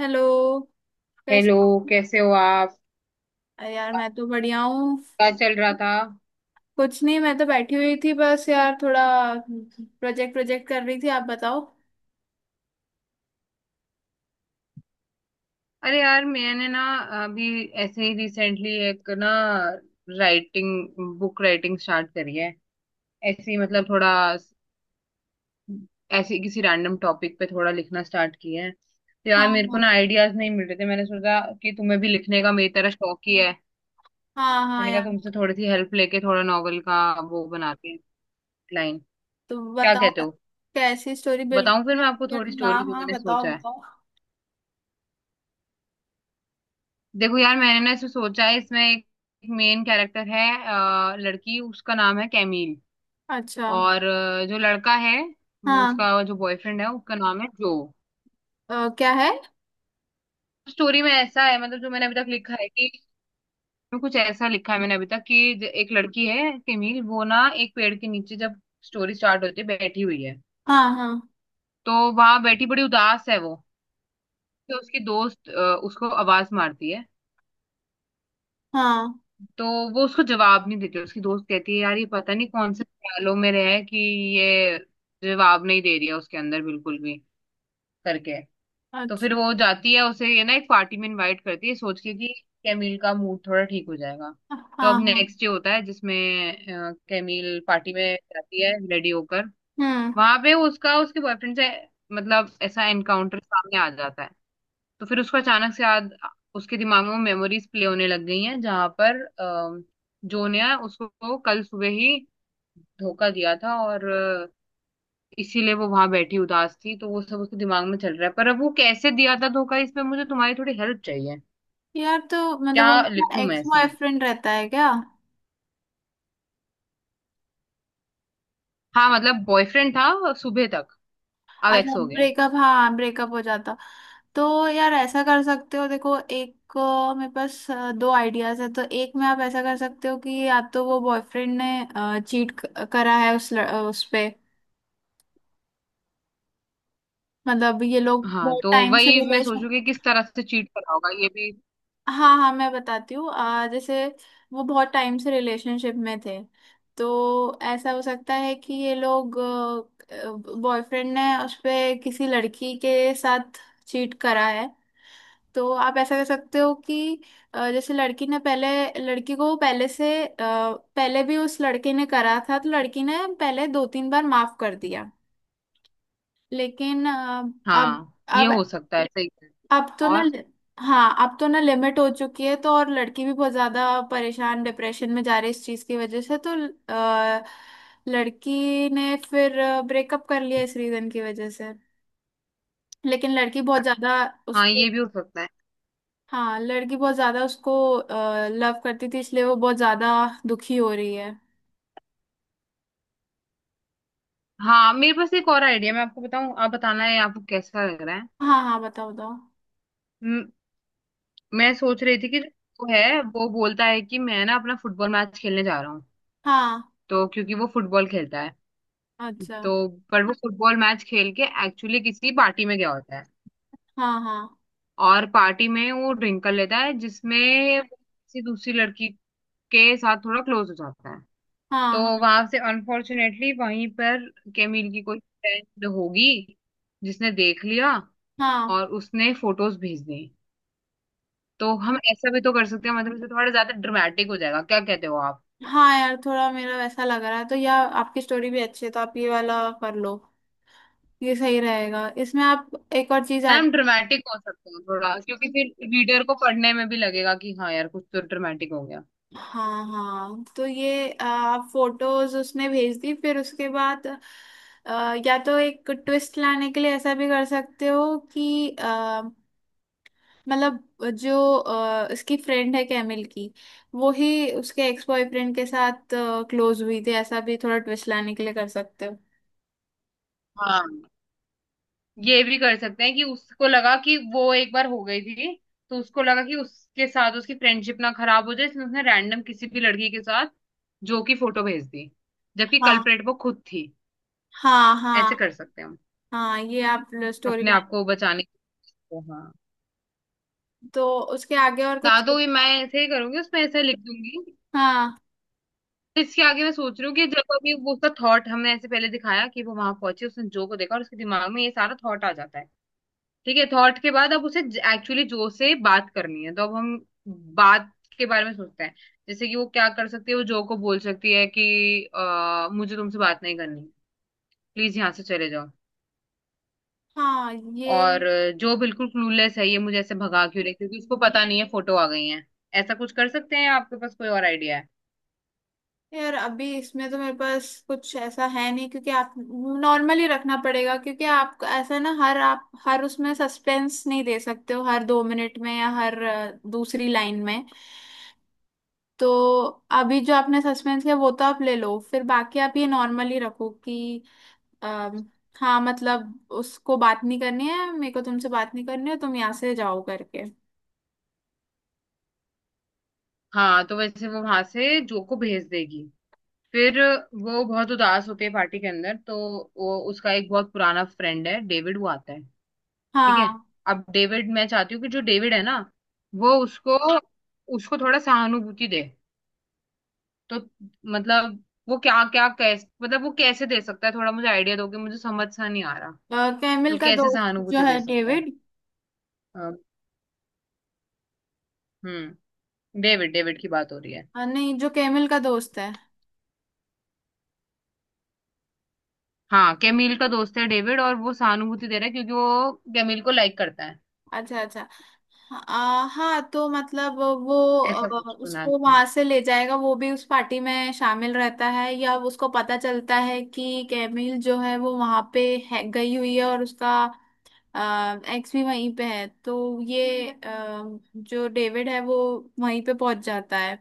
Hello. कैसे hello. हो? कैसे हो आप। अरे यार, मैं तो बढ़िया हूँ। क्या चल रहा था। कुछ नहीं, मैं तो बैठी हुई थी, बस यार थोड़ा प्रोजेक्ट प्रोजेक्ट कर रही थी। आप बताओ। अरे यार, मैंने ना अभी ऐसे ही रिसेंटली एक ना राइटिंग बुक राइटिंग स्टार्ट करी है। ऐसे ही मतलब थोड़ा ऐसे ही किसी रैंडम टॉपिक पे थोड़ा लिखना स्टार्ट किया है। तो हाँ यार मेरे को हाँ। ना आइडियाज नहीं मिल रहे थे। मैंने सोचा कि तुम्हें भी लिखने का मेरी तरह शौक ही है। हाँ हाँ मैंने कहा यार। तुमसे थोड़ी सी हेल्प लेके थोड़ा नॉवल का वो बनाते हैं लाइन। तो क्या बताओ, कहते हो। कैसी स्टोरी? बताऊं फिर मैं आपको थोड़ी बिल्कुल, हाँ स्टोरी जो हाँ, मैंने बताओ सोचा है। बताओ। देखो यार, मैंने ना इसमें सोचा है, इसमें एक मेन कैरेक्टर है लड़की, उसका नाम है कैमील। अच्छा। और जो लड़का है, वो हाँ। उसका जो बॉयफ्रेंड है उसका नाम है जो। क्या है। स्टोरी में ऐसा है, मतलब जो मैंने अभी तक लिखा है कि इसमें कुछ ऐसा लिखा है मैंने अभी तक कि एक लड़की है कैमील, वो ना एक पेड़ के नीचे, जब स्टोरी स्टार्ट होती है, बैठी हुई है। हाँ हाँ। तो वहां बैठी बड़ी उदास है वो। तो उसकी दोस्त उसको आवाज मारती है। हाँ। तो वो उसको जवाब नहीं देती। उसकी दोस्त कहती है यार ये पता नहीं कौन से ख्यालों में रहे कि ये जवाब नहीं दे रही है, उसके अंदर बिल्कुल भी, करके। तो फिर अच्छा। वो जाती है, उसे ये ना एक पार्टी में इनवाइट करती है सोच के कि कैमिल का मूड थोड़ा ठीक हो जाएगा। हाँ तो अब हाँ। नेक्स्ट डे होता है जिसमें कैमिल पार्टी में जाती है रेडी होकर। हम्म। वहां पे उसका उसके बॉयफ्रेंड से मतलब ऐसा एनकाउंटर सामने आ जाता है। तो फिर उसको अचानक से याद, उसके दिमाग में वो मेमोरीज प्ले होने लग गई हैं जहां पर जो ने उसको कल सुबह ही धोखा दिया था। और इसीलिए वो वहां बैठी उदास थी। तो वो सब उसके दिमाग में चल रहा है, पर अब वो कैसे दिया था धोखा, इसमें मुझे तुम्हारी थोड़ी हेल्प चाहिए। यार, तो मतलब क्या वो लिखूं मैं एक्स इसमें। बॉयफ्रेंड रहता है क्या? हाँ, मतलब बॉयफ्रेंड था सुबह तक, अब अच्छा, एक्स हो गया है। ब्रेकअप। हाँ, ब्रेकअप हो जाता। तो यार, ऐसा कर सकते हो। देखो, एक मेरे पास दो आइडियाज है तो एक में आप ऐसा कर सकते हो कि या तो वो, बॉयफ्रेंड ने चीट करा है उस पे। मतलब ये लोग हाँ, बहुत तो टाइम से वही मैं रिलेशन। सोचू कि किस तरह से चीट करा होगा, ये भी। हाँ हाँ, मैं बताती हूँ। जैसे वो बहुत टाइम से रिलेशनशिप में थे, तो ऐसा हो सकता है कि ये लोग, बॉयफ्रेंड ने उस पे किसी लड़की के साथ चीट करा है। तो आप ऐसा कर सकते हो कि जैसे लड़की ने पहले, लड़की को पहले से पहले भी उस लड़के ने करा था, तो लड़की ने पहले दो तीन बार माफ कर दिया। लेकिन अब। हाँ, ये अब। हो सकता है, सही है। अब तो ना। और हाँ, अब तो ना लिमिट हो चुकी है। तो और लड़की भी बहुत ज्यादा परेशान, डिप्रेशन में जा रही है इस चीज की वजह से। तो अ, लड़की ने फिर ब्रेकअप कर लिया इस रीजन की वजह से। लेकिन लड़की बहुत ज्यादा हाँ, उसको। ये भी हो सकता है। हाँ, लड़की बहुत ज्यादा उसको लव करती थी, इसलिए वो बहुत ज्यादा दुखी हो रही है। हाँ, मेरे पास एक और आइडिया, मैं आपको बताऊं, आप बताना है आपको कैसा लग रहा है। हाँ हाँ, बताओ बताओ। म- मैं सोच रही थी कि जो वो है वो बोलता है कि मैं ना अपना फुटबॉल मैच खेलने जा रहा हूँ, हाँ। तो क्योंकि वो फुटबॉल खेलता है। अच्छा। तो पर वो फुटबॉल मैच खेल के एक्चुअली किसी पार्टी में गया होता है। हाँ हाँ। और पार्टी में वो ड्रिंक कर लेता है, जिसमें वो किसी दूसरी लड़की के साथ थोड़ा क्लोज हो जाता है। हाँ तो हाँ। वहां से अनफॉर्चुनेटली वहीं पर केमिल की कोई फ्रेंड होगी जिसने देख लिया हाँ और उसने फोटोज भेज दी। तो हम ऐसा भी तो कर सकते हैं, मतलब इससे थोड़ा ज्यादा ड्रामेटिक हो जाएगा, क्या कहते हो आप। हाँ यार, थोड़ा मेरा वैसा लग रहा है। तो या आपकी स्टोरी भी अच्छी है, तो आप ये वाला कर लो, ये सही रहेगा। इसमें आप एक और चीज है ना, ऐड। हम ड्रामेटिक हो सकते हैं थोड़ा, क्योंकि फिर रीडर को पढ़ने में भी लगेगा कि हाँ यार कुछ तो ड्रामेटिक हो गया। हाँ हाँ। तो ये, आप फोटोज उसने भेज दी, फिर उसके बाद या तो एक ट्विस्ट लाने के लिए ऐसा भी कर सकते हो कि मतलब जो इसकी फ्रेंड है, कैमिल की, वो ही उसके एक्स बॉयफ्रेंड के साथ क्लोज हुई थी। ऐसा भी थोड़ा ट्विस्ट लाने के लिए कर सकते हो। हाँ, ये भी कर सकते हैं कि उसको लगा कि वो एक बार हो गई थी, तो उसको लगा कि उसके साथ उसकी फ्रेंडशिप ना खराब हो जाए, इसलिए उसने रैंडम किसी भी लड़की के साथ जो की फोटो भेज दी, जबकि हाँ कल्प्रेट वो खुद थी। हाँ। ऐसे हाँ कर सकते हैं हम, हाँ ये आप स्टोरी अपने आप लाइन। को बचाने के लिए। हाँ, तो उसके आगे और ना कुछ? तो ये मैं ऐसे ही करूंगी, उसमें ऐसे लिख दूंगी। हाँ तो इसके आगे मैं सोच रही हूँ कि जब अभी वो उसका थॉट हमने ऐसे पहले दिखाया कि वो वहां पहुंची, उसने जो को देखा और उसके दिमाग में ये सारा थॉट आ जाता है। ठीक है, थॉट के बाद अब उसे एक्चुअली जो से बात करनी है। तो अब हम बात के बारे में सोचते हैं, जैसे कि वो क्या कर सकती है। वो जो को बोल सकती है कि मुझे तुमसे बात नहीं करनी, प्लीज यहाँ से चले जाओ। हाँ, और ये। जो बिल्कुल क्लूलेस है, ये मुझे ऐसे भगा क्यों रही है? क्योंकि उसको पता नहीं है फोटो आ गई है। ऐसा कुछ कर सकते हैं, आपके पास कोई और आइडिया है। यार, अभी इसमें तो मेरे पास कुछ ऐसा है नहीं, क्योंकि आप नॉर्मली रखना पड़ेगा। क्योंकि आप ऐसा ना, हर आप हर उसमें सस्पेंस नहीं दे सकते हो, हर 2 मिनट में या हर दूसरी लाइन में। तो अभी जो आपने सस्पेंस किया, वो तो आप ले लो। फिर बाकी आप ये नॉर्मली रखो कि अम, हाँ, मतलब उसको बात नहीं करनी है, मेरे को तुमसे बात नहीं करनी है, तुम यहाँ से जाओ, करके। हाँ, तो वैसे वो वहां से जो को भेज देगी। फिर वो बहुत उदास होती है पार्टी के अंदर। तो वो उसका एक बहुत पुराना फ्रेंड है डेविड, वो आता है। ठीक है, हाँ। अब डेविड, मैं चाहती हूँ कि जो डेविड है ना, वो उसको उसको थोड़ा सहानुभूति दे। तो मतलब वो क्या क्या कैसे मतलब वो कैसे दे सकता है, थोड़ा मुझे आइडिया दो, कि मुझे समझ सा नहीं आ रहा। कैमिल तो का कैसे दोस्त सहानुभूति जो है, दे सकता है। डेविड। अ, हम्म डेविड डेविड की बात हो रही है। नहीं, जो कैमिल का दोस्त है। हाँ, कैमिल का दोस्त है डेविड, और वो सहानुभूति दे रहा है क्योंकि वो कैमिल को लाइक करता है। अच्छा अच्छा। हाँ, तो मतलब वो ऐसा कुछ बना उसको देते हैं। वहां से ले जाएगा। वो भी उस पार्टी में शामिल रहता है, या उसको पता चलता है कि कैमिल जो है वो वहां पे है, गई हुई है, और उसका एक्स भी वहीं पे है। तो ये जो डेविड है वो वहीं पे पहुंच जाता है,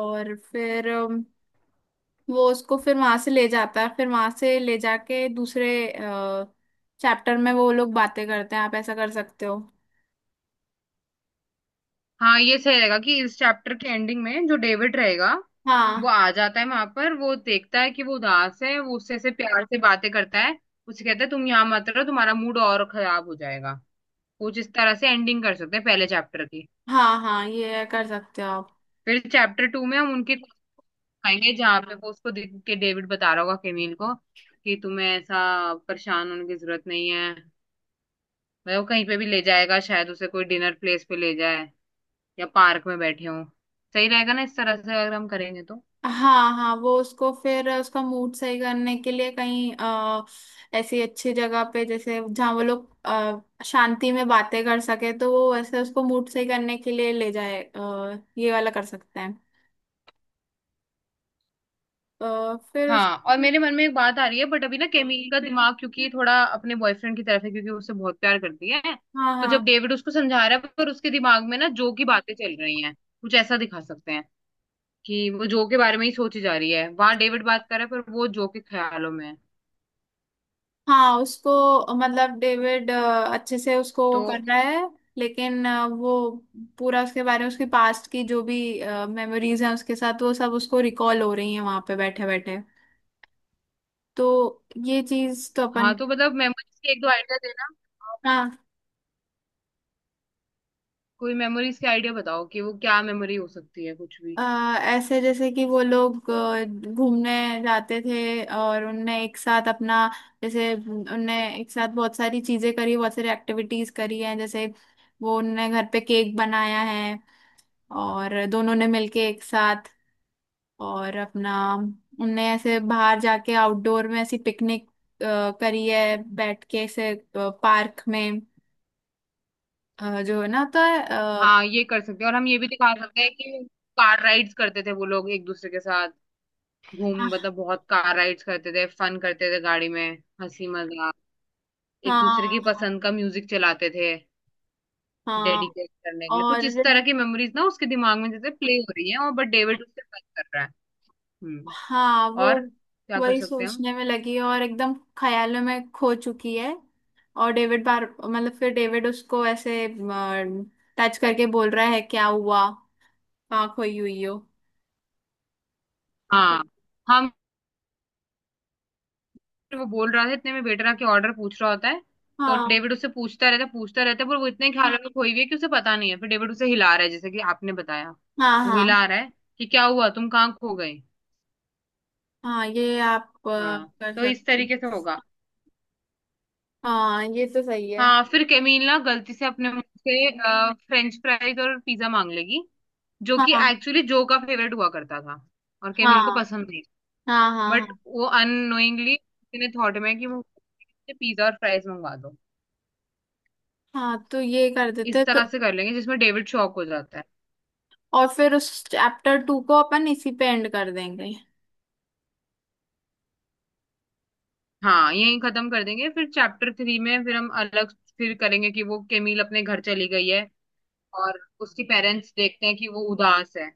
और फिर वो उसको फिर वहां से ले जाता है। फिर वहां से ले जाके दूसरे चैप्टर में वो लोग बातें करते हैं। आप ऐसा कर सकते हो। हाँ, ये सही रहेगा कि इस चैप्टर के एंडिंग में जो डेविड रहेगा वो हाँ। आ जाता है वहां पर, वो देखता है कि वो उदास है, वो उससे से प्यार से बातें करता है, उसे कहता है तुम यहाँ मत रहो, तुम्हारा मूड और खराब हो जाएगा। कुछ इस तरह से एंडिंग कर सकते हैं पहले चैप्टर की। हाँ हाँ, ये कर सकते हो आप। फिर चैप्टर टू में हम उनके आएंगे जहाँ पे वो उसको देख के डेविड बता रहा होगा केमिल को कि तुम्हें ऐसा परेशान होने की जरूरत नहीं है, मतलब वो कहीं पे भी ले जाएगा, शायद उसे कोई डिनर प्लेस पे ले जाए या पार्क में बैठे हो। सही रहेगा ना इस तरह से अगर हम करेंगे तो। हाँ हाँ, वो उसको फिर उसका मूड सही करने के लिए कहीं ऐसी अच्छी जगह पे, जैसे जहाँ वो लोग शांति में बातें कर सके। तो वो ऐसे उसको मूड सही करने के लिए ले जाए। ये वाला कर सकते हैं। फिर उस। हाँ, और मेरे मन में एक बात आ रही है, बट अभी ना केमिल का दिमाग क्योंकि थोड़ा अपने बॉयफ्रेंड की तरफ है, क्योंकि वो उससे बहुत प्यार करती है। हाँ तो जब हाँ। डेविड उसको समझा रहा है, पर उसके दिमाग में ना जो की बातें चल रही हैं, कुछ ऐसा दिखा सकते हैं कि वो जो के बारे में ही सोची जा रही है, वहां डेविड बात कर रहा है पर वो जो के ख्यालों में है। हाँ, उसको मतलब, डेविड अच्छे से उसको तो वो कर रहा है। लेकिन वो पूरा उसके बारे में, उसके पास्ट की जो भी मेमोरीज हैं उसके साथ, वो सब उसको रिकॉल हो रही हैं वहां पे बैठे बैठे। तो ये चीज तो अपन। हाँ, तो मतलब मेमोरीज के एक दो आइडिया देना आप। हाँ। कोई मेमोरीज के आइडिया बताओ कि वो क्या मेमोरी हो सकती है, कुछ भी। अ, ऐसे जैसे कि वो लोग घूमने जाते थे, और उनने एक साथ अपना, जैसे उनने एक साथ बहुत सारी चीजें करी, बहुत सारी एक्टिविटीज करी हैं। जैसे वो उनने घर पे केक बनाया है, और दोनों ने मिलके एक साथ, और अपना, उनने ऐसे बाहर जाके आउटडोर में ऐसी पिकनिक करी है, बैठ के ऐसे पार्क में। जो है ना, होता है हाँ, ये कर सकते हैं, और हम ये भी दिखा सकते हैं कि कार राइड्स करते थे वो लोग एक दूसरे के साथ, घूम हाँ मतलब बहुत कार राइड्स करते थे, फन करते थे गाड़ी में, हंसी मजाक, एक दूसरे की हाँ। पसंद का म्यूजिक चलाते थे, हाँ हाँ, डेडिकेट करने के लिए। और। कुछ इस तरह की मेमोरीज ना उसके दिमाग में जैसे प्ले हो रही है, और बट डेविड उससे बात कर रहा है। हम्म, हाँ, वो और क्या कर वही सकते हैं हम। सोचने में लगी है, और एकदम ख्यालों में खो चुकी है। और डेविड बार मतलब फिर डेविड उसको ऐसे टच करके बोल रहा है, क्या हुआ, कहाँ खोई हुई हो। हाँ, हम, वो बोल रहा था इतने में वेटर आके ऑर्डर पूछ रहा होता है। तो हाँ डेविड उससे पूछता रहता है पूछता रहता है, पर वो इतने ख्याल में खोई हुई है कि उसे पता नहीं है। फिर डेविड उसे हिला रहा है जैसे कि आपने बताया। हाँ। वो हाँ हिला रहा है कि क्या हुआ, तुम कहाँ खो गए। हाँ, ये आप हाँ, कर तो इस सकते हो। तरीके से होगा। हाँ, ये तो सही है। हाँ, फिर केमिल ना गलती से अपने मुंह से फ्रेंच फ्राइज और पिज्जा मांग लेगी, जो हाँ कि हाँ एक्चुअली जो का फेवरेट हुआ करता था और केमिल को पसंद नहीं। हाँ, हाँ बट हाँ वो अननोइंगली उसने थॉट में कि वो पिज्जा और फ्राइज मंगवा दो। हाँ, तो ये कर देते इस हैं। तो तरह से कर लेंगे जिसमें डेविड शॉक हो जाता है। और फिर उस चैप्टर 2 को अपन इसी पे एंड कर देंगे। हाँ, यही खत्म कर देंगे। फिर चैप्टर थ्री में फिर हम अलग फिर करेंगे कि वो केमिल अपने घर चली गई है और उसके पेरेंट्स देखते हैं कि वो उदास है,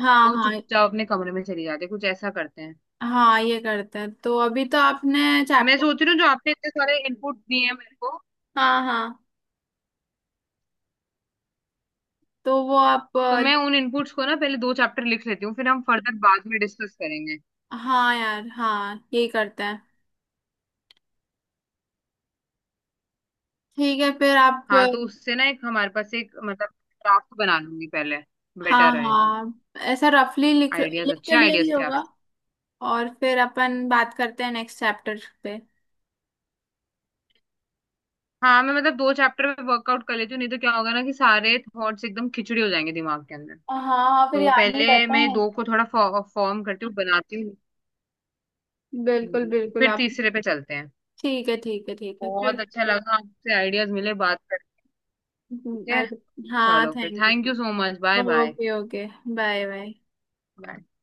हाँ वो हाँ। चुपचाप अपने कमरे में चली जाती है। कुछ ऐसा करते हैं। हाँ, ये करते हैं। तो अभी तो आपने मैं चैप्टर। सोच रही हूँ जो आपने इतने सारे इनपुट दिए हैं मेरे को, हाँ हाँ। तो वो आप तो मैं उन इनपुट्स को ना पहले दो चैप्टर लिख लेती हूँ, फिर हम फर्दर बाद में डिस्कस करेंगे। हाँ यार, हाँ यही करते हैं। ठीक है। फिर आप हाँ, तो उससे ना एक हमारे पास एक मतलब ड्राफ्ट बना लूंगी पहले, बेटर हाँ रहेगा। हाँ। ऐसा रफली लिख आइडियाज लिख तो अच्छे लिया ही आइडियाज थे आप। होगा। और फिर अपन बात करते हैं नेक्स्ट चैप्टर पे। हाँ, मैं मतलब दो चैप्टर में वर्कआउट कर लेती हूँ, नहीं तो क्या होगा ना कि सारे थॉट्स एकदम खिचड़ी हो जाएंगे दिमाग के अंदर। हाँ हाँ, फिर तो याद नहीं पहले रहता मैं है। दो को थोड़ा फॉर्म करती हूँ, बनाती हूँ। बिल्कुल बिल्कुल फिर आप। तीसरे पे चलते हैं। ठीक है, ठीक है, ठीक है। बहुत फिर अच्छा लगा आपसे आइडियाज मिले, बात करके। ठीक हम्म। है, अरे, हाँ, चलो फिर thank thank you. You so much, bye bye okay okay. Bye bye. कर दो।